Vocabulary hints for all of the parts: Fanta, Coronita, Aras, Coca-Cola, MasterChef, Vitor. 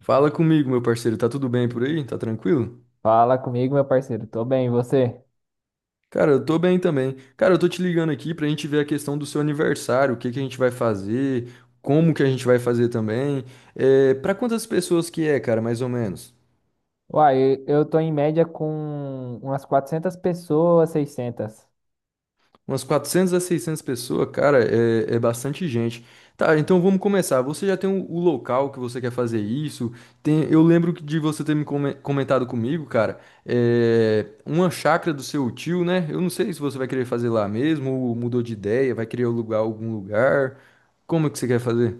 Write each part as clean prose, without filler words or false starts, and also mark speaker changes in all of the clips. Speaker 1: Fala comigo, meu parceiro. Tá tudo bem por aí? Tá tranquilo?
Speaker 2: Fala comigo, meu parceiro. Tô bem, e você?
Speaker 1: Cara, eu tô bem também. Cara, eu tô te ligando aqui pra gente ver a questão do seu aniversário, o que que a gente vai fazer, como que a gente vai fazer também. É, pra quantas pessoas que é, cara, mais ou menos?
Speaker 2: Uai, eu tô em média com umas 400 pessoas, 600.
Speaker 1: Umas 400 a 600 pessoas, cara, é bastante gente. Tá, então vamos começar. Você já tem o local que você quer fazer isso? Tem, eu lembro que de você ter comentado comigo, cara, uma chácara do seu tio, né? Eu não sei se você vai querer fazer lá mesmo, ou mudou de ideia, vai querer alugar algum lugar. Como que você quer fazer?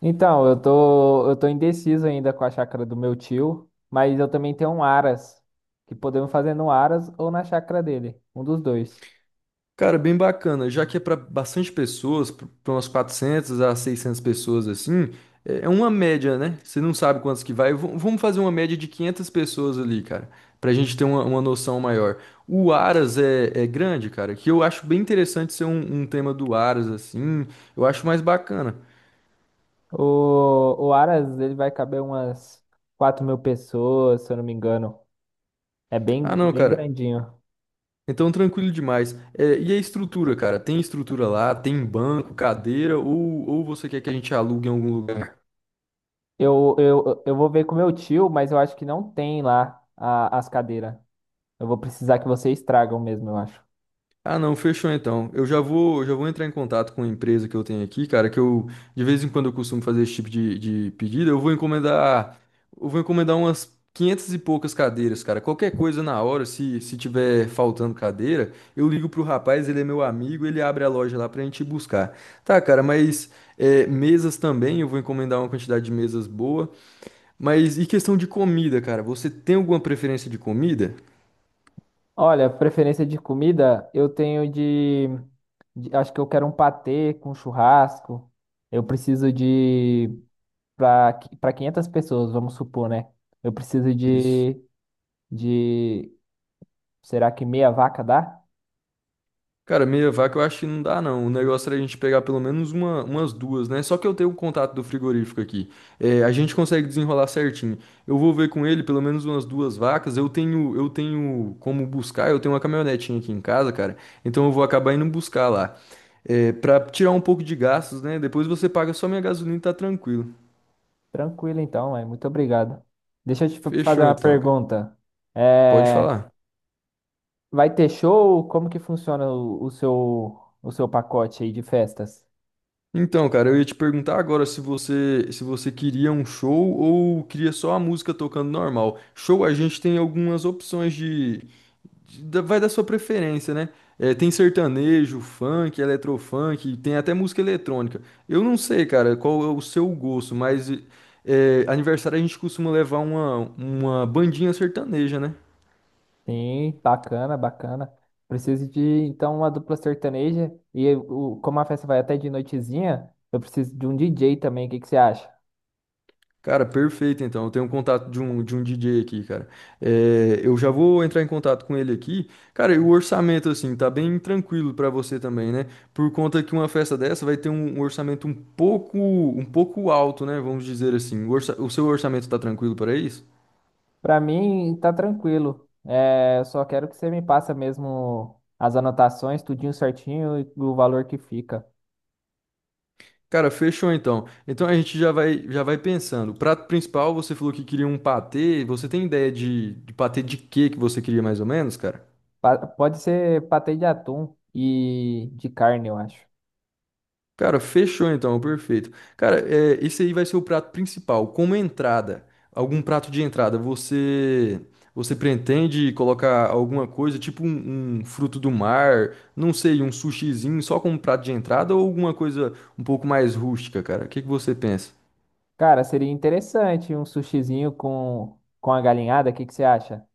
Speaker 2: Então, eu tô indeciso ainda com a chácara do meu tio, mas eu também tenho um Aras, que podemos fazer no Aras ou na chácara dele, um dos dois.
Speaker 1: Cara, bem bacana. Já que é para bastante pessoas, para umas 400 a 600 pessoas assim, é uma média, né? Você não sabe quantos que vai. Vamos fazer uma média de 500 pessoas ali, cara, para a gente ter uma noção maior. O Aras é grande, cara, que eu acho bem interessante ser um tema do Aras assim. Eu acho mais bacana.
Speaker 2: O Aras, ele vai caber umas 4 mil pessoas, se eu não me engano. É
Speaker 1: Ah,
Speaker 2: bem,
Speaker 1: não,
Speaker 2: bem
Speaker 1: cara.
Speaker 2: grandinho.
Speaker 1: Então, tranquilo demais. E a estrutura, cara? Tem estrutura lá? Tem banco, cadeira? Ou você quer que a gente alugue em algum lugar?
Speaker 2: Eu vou ver com meu tio, mas eu acho que não tem lá as cadeiras. Eu vou precisar que vocês tragam mesmo, eu acho.
Speaker 1: Ah, não, fechou então. Já vou entrar em contato com a empresa que eu tenho aqui, cara, que eu de vez em quando eu costumo fazer esse tipo de pedido. Eu vou encomendar umas 500 e poucas cadeiras, cara. Qualquer coisa na hora, se tiver faltando cadeira, eu ligo pro rapaz, ele é meu amigo, ele abre a loja lá pra gente ir buscar. Tá, cara, mas mesas também, eu vou encomendar uma quantidade de mesas boa. Mas e questão de comida, cara? Você tem alguma preferência de comida?
Speaker 2: Olha, preferência de comida, eu tenho acho que eu quero um patê com churrasco. Eu preciso de para 500 pessoas, vamos supor, né? Eu preciso
Speaker 1: Isso.
Speaker 2: de, será que meia vaca dá?
Speaker 1: Cara, meia vaca eu acho que não dá, não. O negócio era a gente pegar pelo menos uma, umas duas, né? Só que eu tenho o contato do frigorífico aqui. A gente consegue desenrolar certinho. Eu vou ver com ele pelo menos umas duas vacas. Eu tenho como buscar, eu tenho uma caminhonetinha aqui em casa, cara. Então eu vou acabar indo buscar lá. Pra tirar um pouco de gastos, né? Depois você paga só minha gasolina e tá tranquilo.
Speaker 2: Tranquilo então, mãe. Muito obrigado. Deixa eu te fazer
Speaker 1: Fechou
Speaker 2: uma
Speaker 1: então, cara.
Speaker 2: pergunta.
Speaker 1: Pode
Speaker 2: É,
Speaker 1: falar.
Speaker 2: vai ter show? Como que funciona o seu pacote aí de festas?
Speaker 1: Então, cara, eu ia te perguntar agora se você queria um show ou queria só a música tocando normal. Show, a gente tem algumas opções vai da sua preferência, né? É, tem sertanejo, funk, eletrofunk, tem até música eletrônica. Eu não sei, cara, qual é o seu gosto, mas aniversário a gente costuma levar uma bandinha sertaneja, né?
Speaker 2: Sim, bacana, bacana. Preciso de, então, uma dupla sertaneja. E o, como a festa vai até de noitezinha, eu preciso de um DJ também. O que que você acha?
Speaker 1: Cara, perfeito então. Eu tenho um contato de um DJ aqui, cara. Eu já vou entrar em contato com ele aqui. Cara, e o orçamento, assim, tá bem tranquilo pra você também, né? Por conta que uma festa dessa vai ter um orçamento um pouco alto, né? Vamos dizer assim. O seu orçamento tá tranquilo para isso?
Speaker 2: Pra mim, tá tranquilo. É, eu só quero que você me passa mesmo as anotações, tudinho certinho e o valor que fica.
Speaker 1: Cara, fechou então. Então a gente já vai pensando. Prato principal, você falou que queria um patê. Você tem ideia de patê de quê que você queria mais ou menos, cara?
Speaker 2: Pode ser patê de atum e de carne, eu acho.
Speaker 1: Cara, fechou então, perfeito. Cara, esse aí vai ser o prato principal. Como entrada, algum prato de entrada, você pretende colocar alguma coisa, tipo um fruto do mar, não sei, um sushizinho só como prato de entrada ou alguma coisa um pouco mais rústica, cara? O que que você pensa?
Speaker 2: Cara, seria interessante um sushizinho com a galinhada. O que que você acha?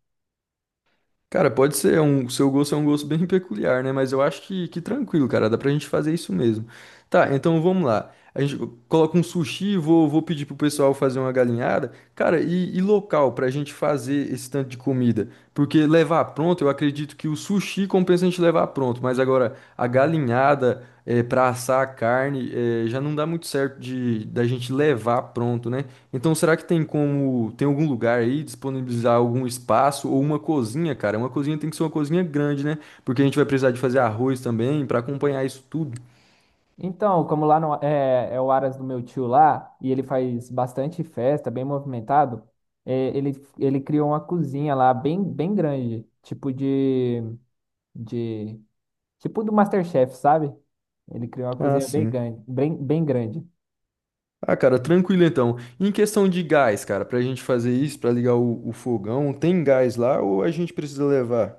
Speaker 1: Cara, pode ser, seu gosto é um gosto bem peculiar, né? Mas eu acho que tranquilo, cara, dá pra gente fazer isso mesmo. Tá, então vamos lá. A gente coloca um sushi, vou pedir pro pessoal fazer uma galinhada. Cara, e local pra gente fazer esse tanto de comida? Porque levar pronto, eu acredito que o sushi compensa a gente levar pronto, mas agora a galinhada, para assar a carne, já não dá muito certo de da gente levar pronto, né? Então, será que tem algum lugar aí disponibilizar algum espaço ou uma cozinha, cara? Uma cozinha tem que ser uma cozinha grande, né? Porque a gente vai precisar de fazer arroz também para acompanhar isso tudo.
Speaker 2: Então, como lá no, é, é o Aras do meu tio lá, e ele faz bastante festa, bem movimentado, é, ele criou uma cozinha lá bem, bem grande, tipo de, tipo do MasterChef, sabe? Ele criou uma
Speaker 1: Ah,
Speaker 2: cozinha bem
Speaker 1: sim.
Speaker 2: grande, bem, bem grande.
Speaker 1: Ah, cara, tranquilo então. Em questão de gás, cara, pra gente fazer isso, pra ligar o fogão, tem gás lá ou a gente precisa levar?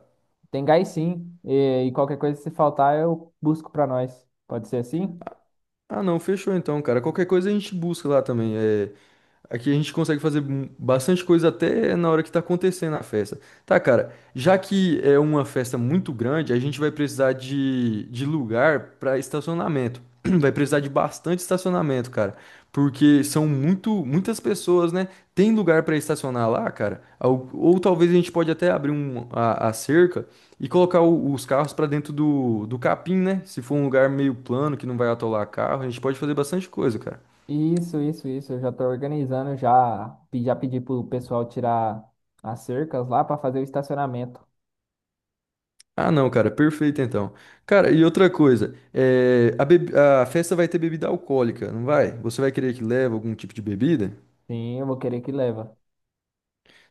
Speaker 2: Tem gás sim, e qualquer coisa se faltar eu busco pra nós. Pode ser assim?
Speaker 1: Ah, não, fechou então, cara. Qualquer coisa a gente busca lá também. Aqui a gente consegue fazer bastante coisa até na hora que tá acontecendo a festa. Tá, cara, já que é uma festa muito grande, a gente vai precisar de lugar para estacionamento. Vai precisar de bastante estacionamento, cara, porque são muitas pessoas, né? Tem lugar para estacionar lá, cara? Ou talvez a gente pode até abrir a cerca e colocar os carros para dentro do capim, né? Se for um lugar meio plano que não vai atolar carro, a gente pode fazer bastante coisa, cara.
Speaker 2: Isso, isso, isso. Eu já tô organizando, já, já pedi pro pessoal tirar as cercas lá pra fazer o estacionamento.
Speaker 1: Ah, não, cara, perfeito então. Cara, e outra coisa, a festa vai ter bebida alcoólica, não vai? Você vai querer que leve algum tipo de bebida?
Speaker 2: Sim, eu vou querer que leva.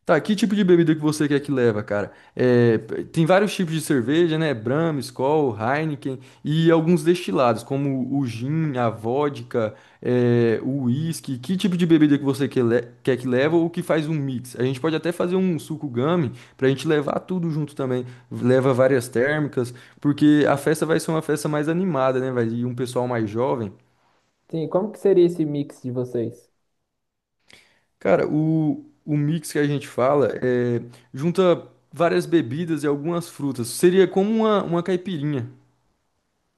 Speaker 1: Tá, que tipo de bebida que você quer que leva, cara? Tem vários tipos de cerveja, né? Brahma, Skol, Heineken e alguns destilados, como o gin, a vodka, o whisky. Que tipo de bebida que quer que leva ou que faz um mix? A gente pode até fazer um suco gummy pra gente levar tudo junto também. Leva várias térmicas, porque a festa vai ser uma festa mais animada, né? Vai ir um pessoal mais jovem.
Speaker 2: Sim, como que seria esse mix de vocês?
Speaker 1: Cara, o mix que a gente fala junta várias bebidas e algumas frutas. Seria como uma caipirinha.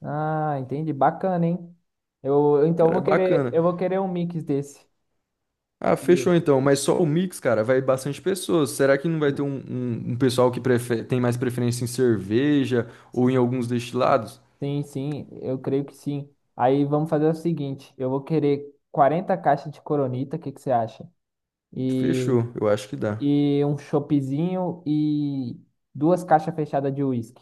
Speaker 2: Ah, entendi. Bacana, hein? Eu,
Speaker 1: Cara, é bacana.
Speaker 2: eu vou querer um mix desse.
Speaker 1: Ah, fechou
Speaker 2: E-
Speaker 1: então. Mas só o mix, cara, vai bastante pessoas. Será que não vai ter um pessoal que tem mais preferência em cerveja ou em alguns destilados?
Speaker 2: Sim, sim, eu creio que sim. Aí vamos fazer o seguinte, eu vou querer 40 caixas de Coronita, o que que você acha? E,
Speaker 1: Fechou, eu acho que dá.
Speaker 2: e um choppzinho e 2 caixas fechadas de uísque.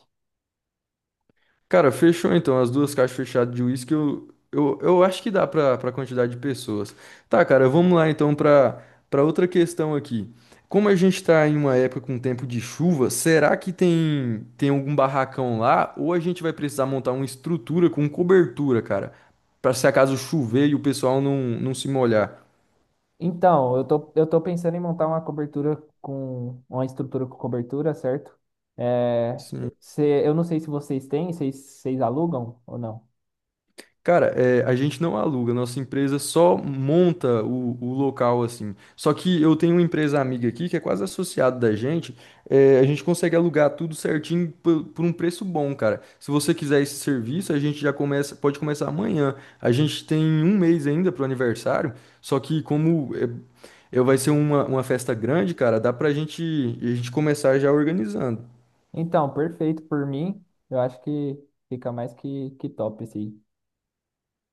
Speaker 1: Cara, fechou então. As duas caixas fechadas de uísque, eu acho que dá pra quantidade de pessoas. Tá, cara, vamos lá então pra outra questão aqui. Como a gente tá em uma época com tempo de chuva, será que tem algum barracão lá? Ou a gente vai precisar montar uma estrutura com cobertura, cara? Pra se acaso chover e o pessoal não se molhar.
Speaker 2: Então, eu tô pensando em montar uma cobertura com uma estrutura com cobertura, certo? É,
Speaker 1: Sim.
Speaker 2: se, eu não sei se vocês têm, vocês alugam ou não.
Speaker 1: Cara, a gente não aluga, nossa empresa só monta o local assim. Só que eu tenho uma empresa amiga aqui que é quase associada da gente, a gente consegue alugar tudo certinho por um preço bom, cara. Se você quiser esse serviço, a gente já começa, pode começar amanhã. A gente tem um mês ainda pro aniversário, só que como vai ser uma festa grande, cara, a gente começar já organizando.
Speaker 2: Então, perfeito por mim. Eu acho que fica mais que top esse aí.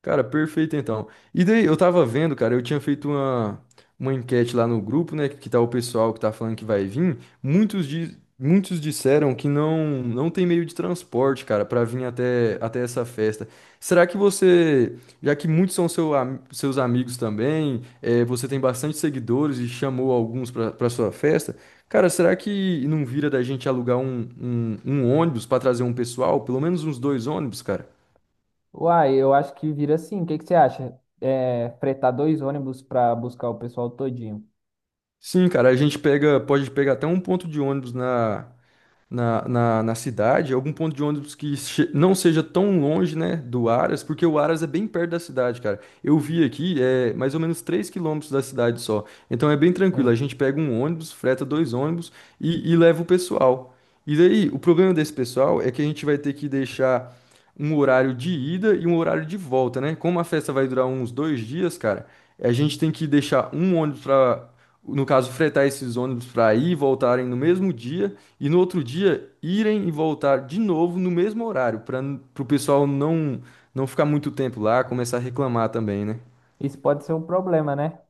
Speaker 1: Cara, perfeito então. E daí, eu tava vendo, cara, eu tinha feito uma enquete lá no grupo, né? Que tá o pessoal que tá falando que vai vir. Muitos disseram que não tem meio de transporte, cara, pra vir até essa festa. Será que você, já que muitos são seus amigos também, você tem bastante seguidores e chamou alguns pra sua festa, cara, será que não vira da gente alugar um ônibus pra trazer um pessoal? Pelo menos uns dois ônibus, cara?
Speaker 2: Uai, eu acho que vira assim. O que, que você acha? É, fretar 2 ônibus para buscar o pessoal todinho.
Speaker 1: Sim, cara, pode pegar até um ponto de ônibus na cidade, algum ponto de ônibus que não seja tão longe, né, do Aras, porque o Aras é bem perto da cidade, cara. Eu vi aqui, é mais ou menos 3 quilômetros da cidade só. Então é bem tranquilo, a
Speaker 2: Sim.
Speaker 1: gente pega um ônibus, freta dois ônibus e leva o pessoal. E daí, o problema desse pessoal é que a gente vai ter que deixar um horário de ida e um horário de volta, né? Como a festa vai durar uns dois dias, cara, a gente tem que deixar um ônibus para, no caso, fretar esses ônibus para ir e voltarem no mesmo dia e no outro dia irem e voltar de novo no mesmo horário, para o pessoal não ficar muito tempo lá, começar a reclamar também, né?
Speaker 2: Isso pode ser um problema, né?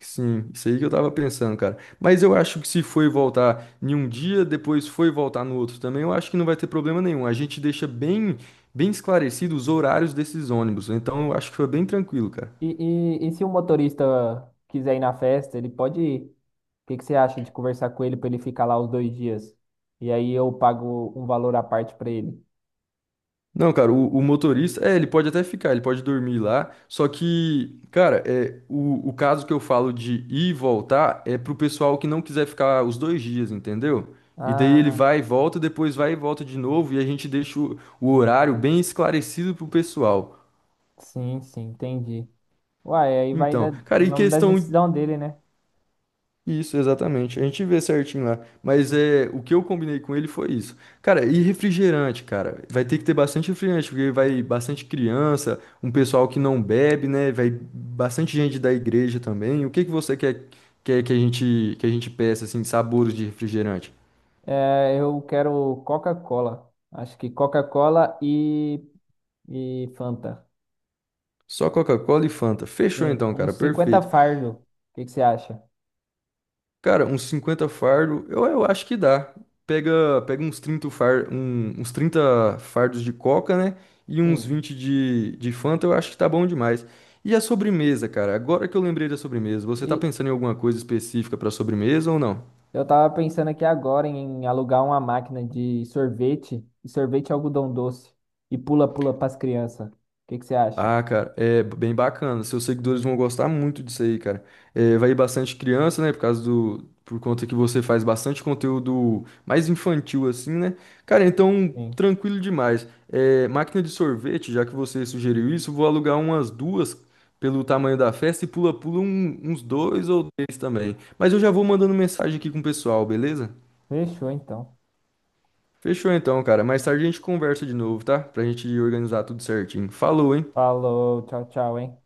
Speaker 1: Sim, isso aí que eu tava pensando, cara. Mas eu acho que se foi voltar em um dia, depois foi voltar no outro também, eu acho que não vai ter problema nenhum. A gente deixa bem esclarecido os horários desses ônibus. Então eu acho que foi bem tranquilo, cara.
Speaker 2: E se o motorista quiser ir na festa, ele pode ir. O que que você acha de conversar com ele para ele ficar lá os 2 dias? E aí eu pago um valor à parte para ele.
Speaker 1: Não, cara, o motorista, ele pode até ficar, ele pode dormir lá, só que, cara, o caso que eu falo de ir e voltar é pro pessoal que não quiser ficar os dois dias, entendeu? E daí ele
Speaker 2: Ah,
Speaker 1: vai e volta, depois vai e volta de novo, e a gente deixa o horário bem esclarecido pro pessoal.
Speaker 2: sim, sim, entendi. Uai, aí vai
Speaker 1: Então,
Speaker 2: da,
Speaker 1: cara, e
Speaker 2: vamos da
Speaker 1: questão
Speaker 2: decisão dele, né?
Speaker 1: Isso, exatamente. A gente vê certinho lá. Mas o que eu combinei com ele foi isso. Cara, e refrigerante, cara? Vai ter que ter bastante refrigerante, porque vai bastante criança, um pessoal que não bebe, né? Vai bastante gente da igreja também. O que que você quer que a gente peça, assim, sabores de refrigerante?
Speaker 2: É, eu quero Coca-Cola. Acho que Coca-Cola e Fanta.
Speaker 1: Só Coca-Cola e Fanta. Fechou
Speaker 2: Sim,
Speaker 1: então,
Speaker 2: uns
Speaker 1: cara.
Speaker 2: 50
Speaker 1: Perfeito.
Speaker 2: fardo. O que que você acha?
Speaker 1: Cara, uns 50 fardo, eu acho que dá. Pega uns 30 fardos de coca, né? E uns
Speaker 2: Sim.
Speaker 1: 20 de Fanta, eu acho que tá bom demais. E a sobremesa, cara? Agora que eu lembrei da sobremesa, você tá
Speaker 2: E,
Speaker 1: pensando em alguma coisa específica pra sobremesa ou não?
Speaker 2: eu tava pensando aqui agora em alugar uma máquina de sorvete, e sorvete é algodão doce, e pula-pula pras crianças. O que que você acha?
Speaker 1: Ah, cara, é bem bacana. Seus seguidores vão gostar muito disso aí, cara. Vai ir bastante criança, né? Por causa do. Por conta que você faz bastante conteúdo mais infantil, assim, né? Cara, então,
Speaker 2: Sim.
Speaker 1: tranquilo demais. Máquina de sorvete, já que você sugeriu isso, vou alugar umas duas pelo tamanho da festa e pula-pula uns dois ou três também. Mas eu já vou mandando mensagem aqui com o pessoal, beleza?
Speaker 2: Fechou então.
Speaker 1: Fechou então, cara. Mais tarde a gente conversa de novo, tá? Pra gente organizar tudo certinho. Falou, hein?
Speaker 2: Falou, tchau, tchau, hein?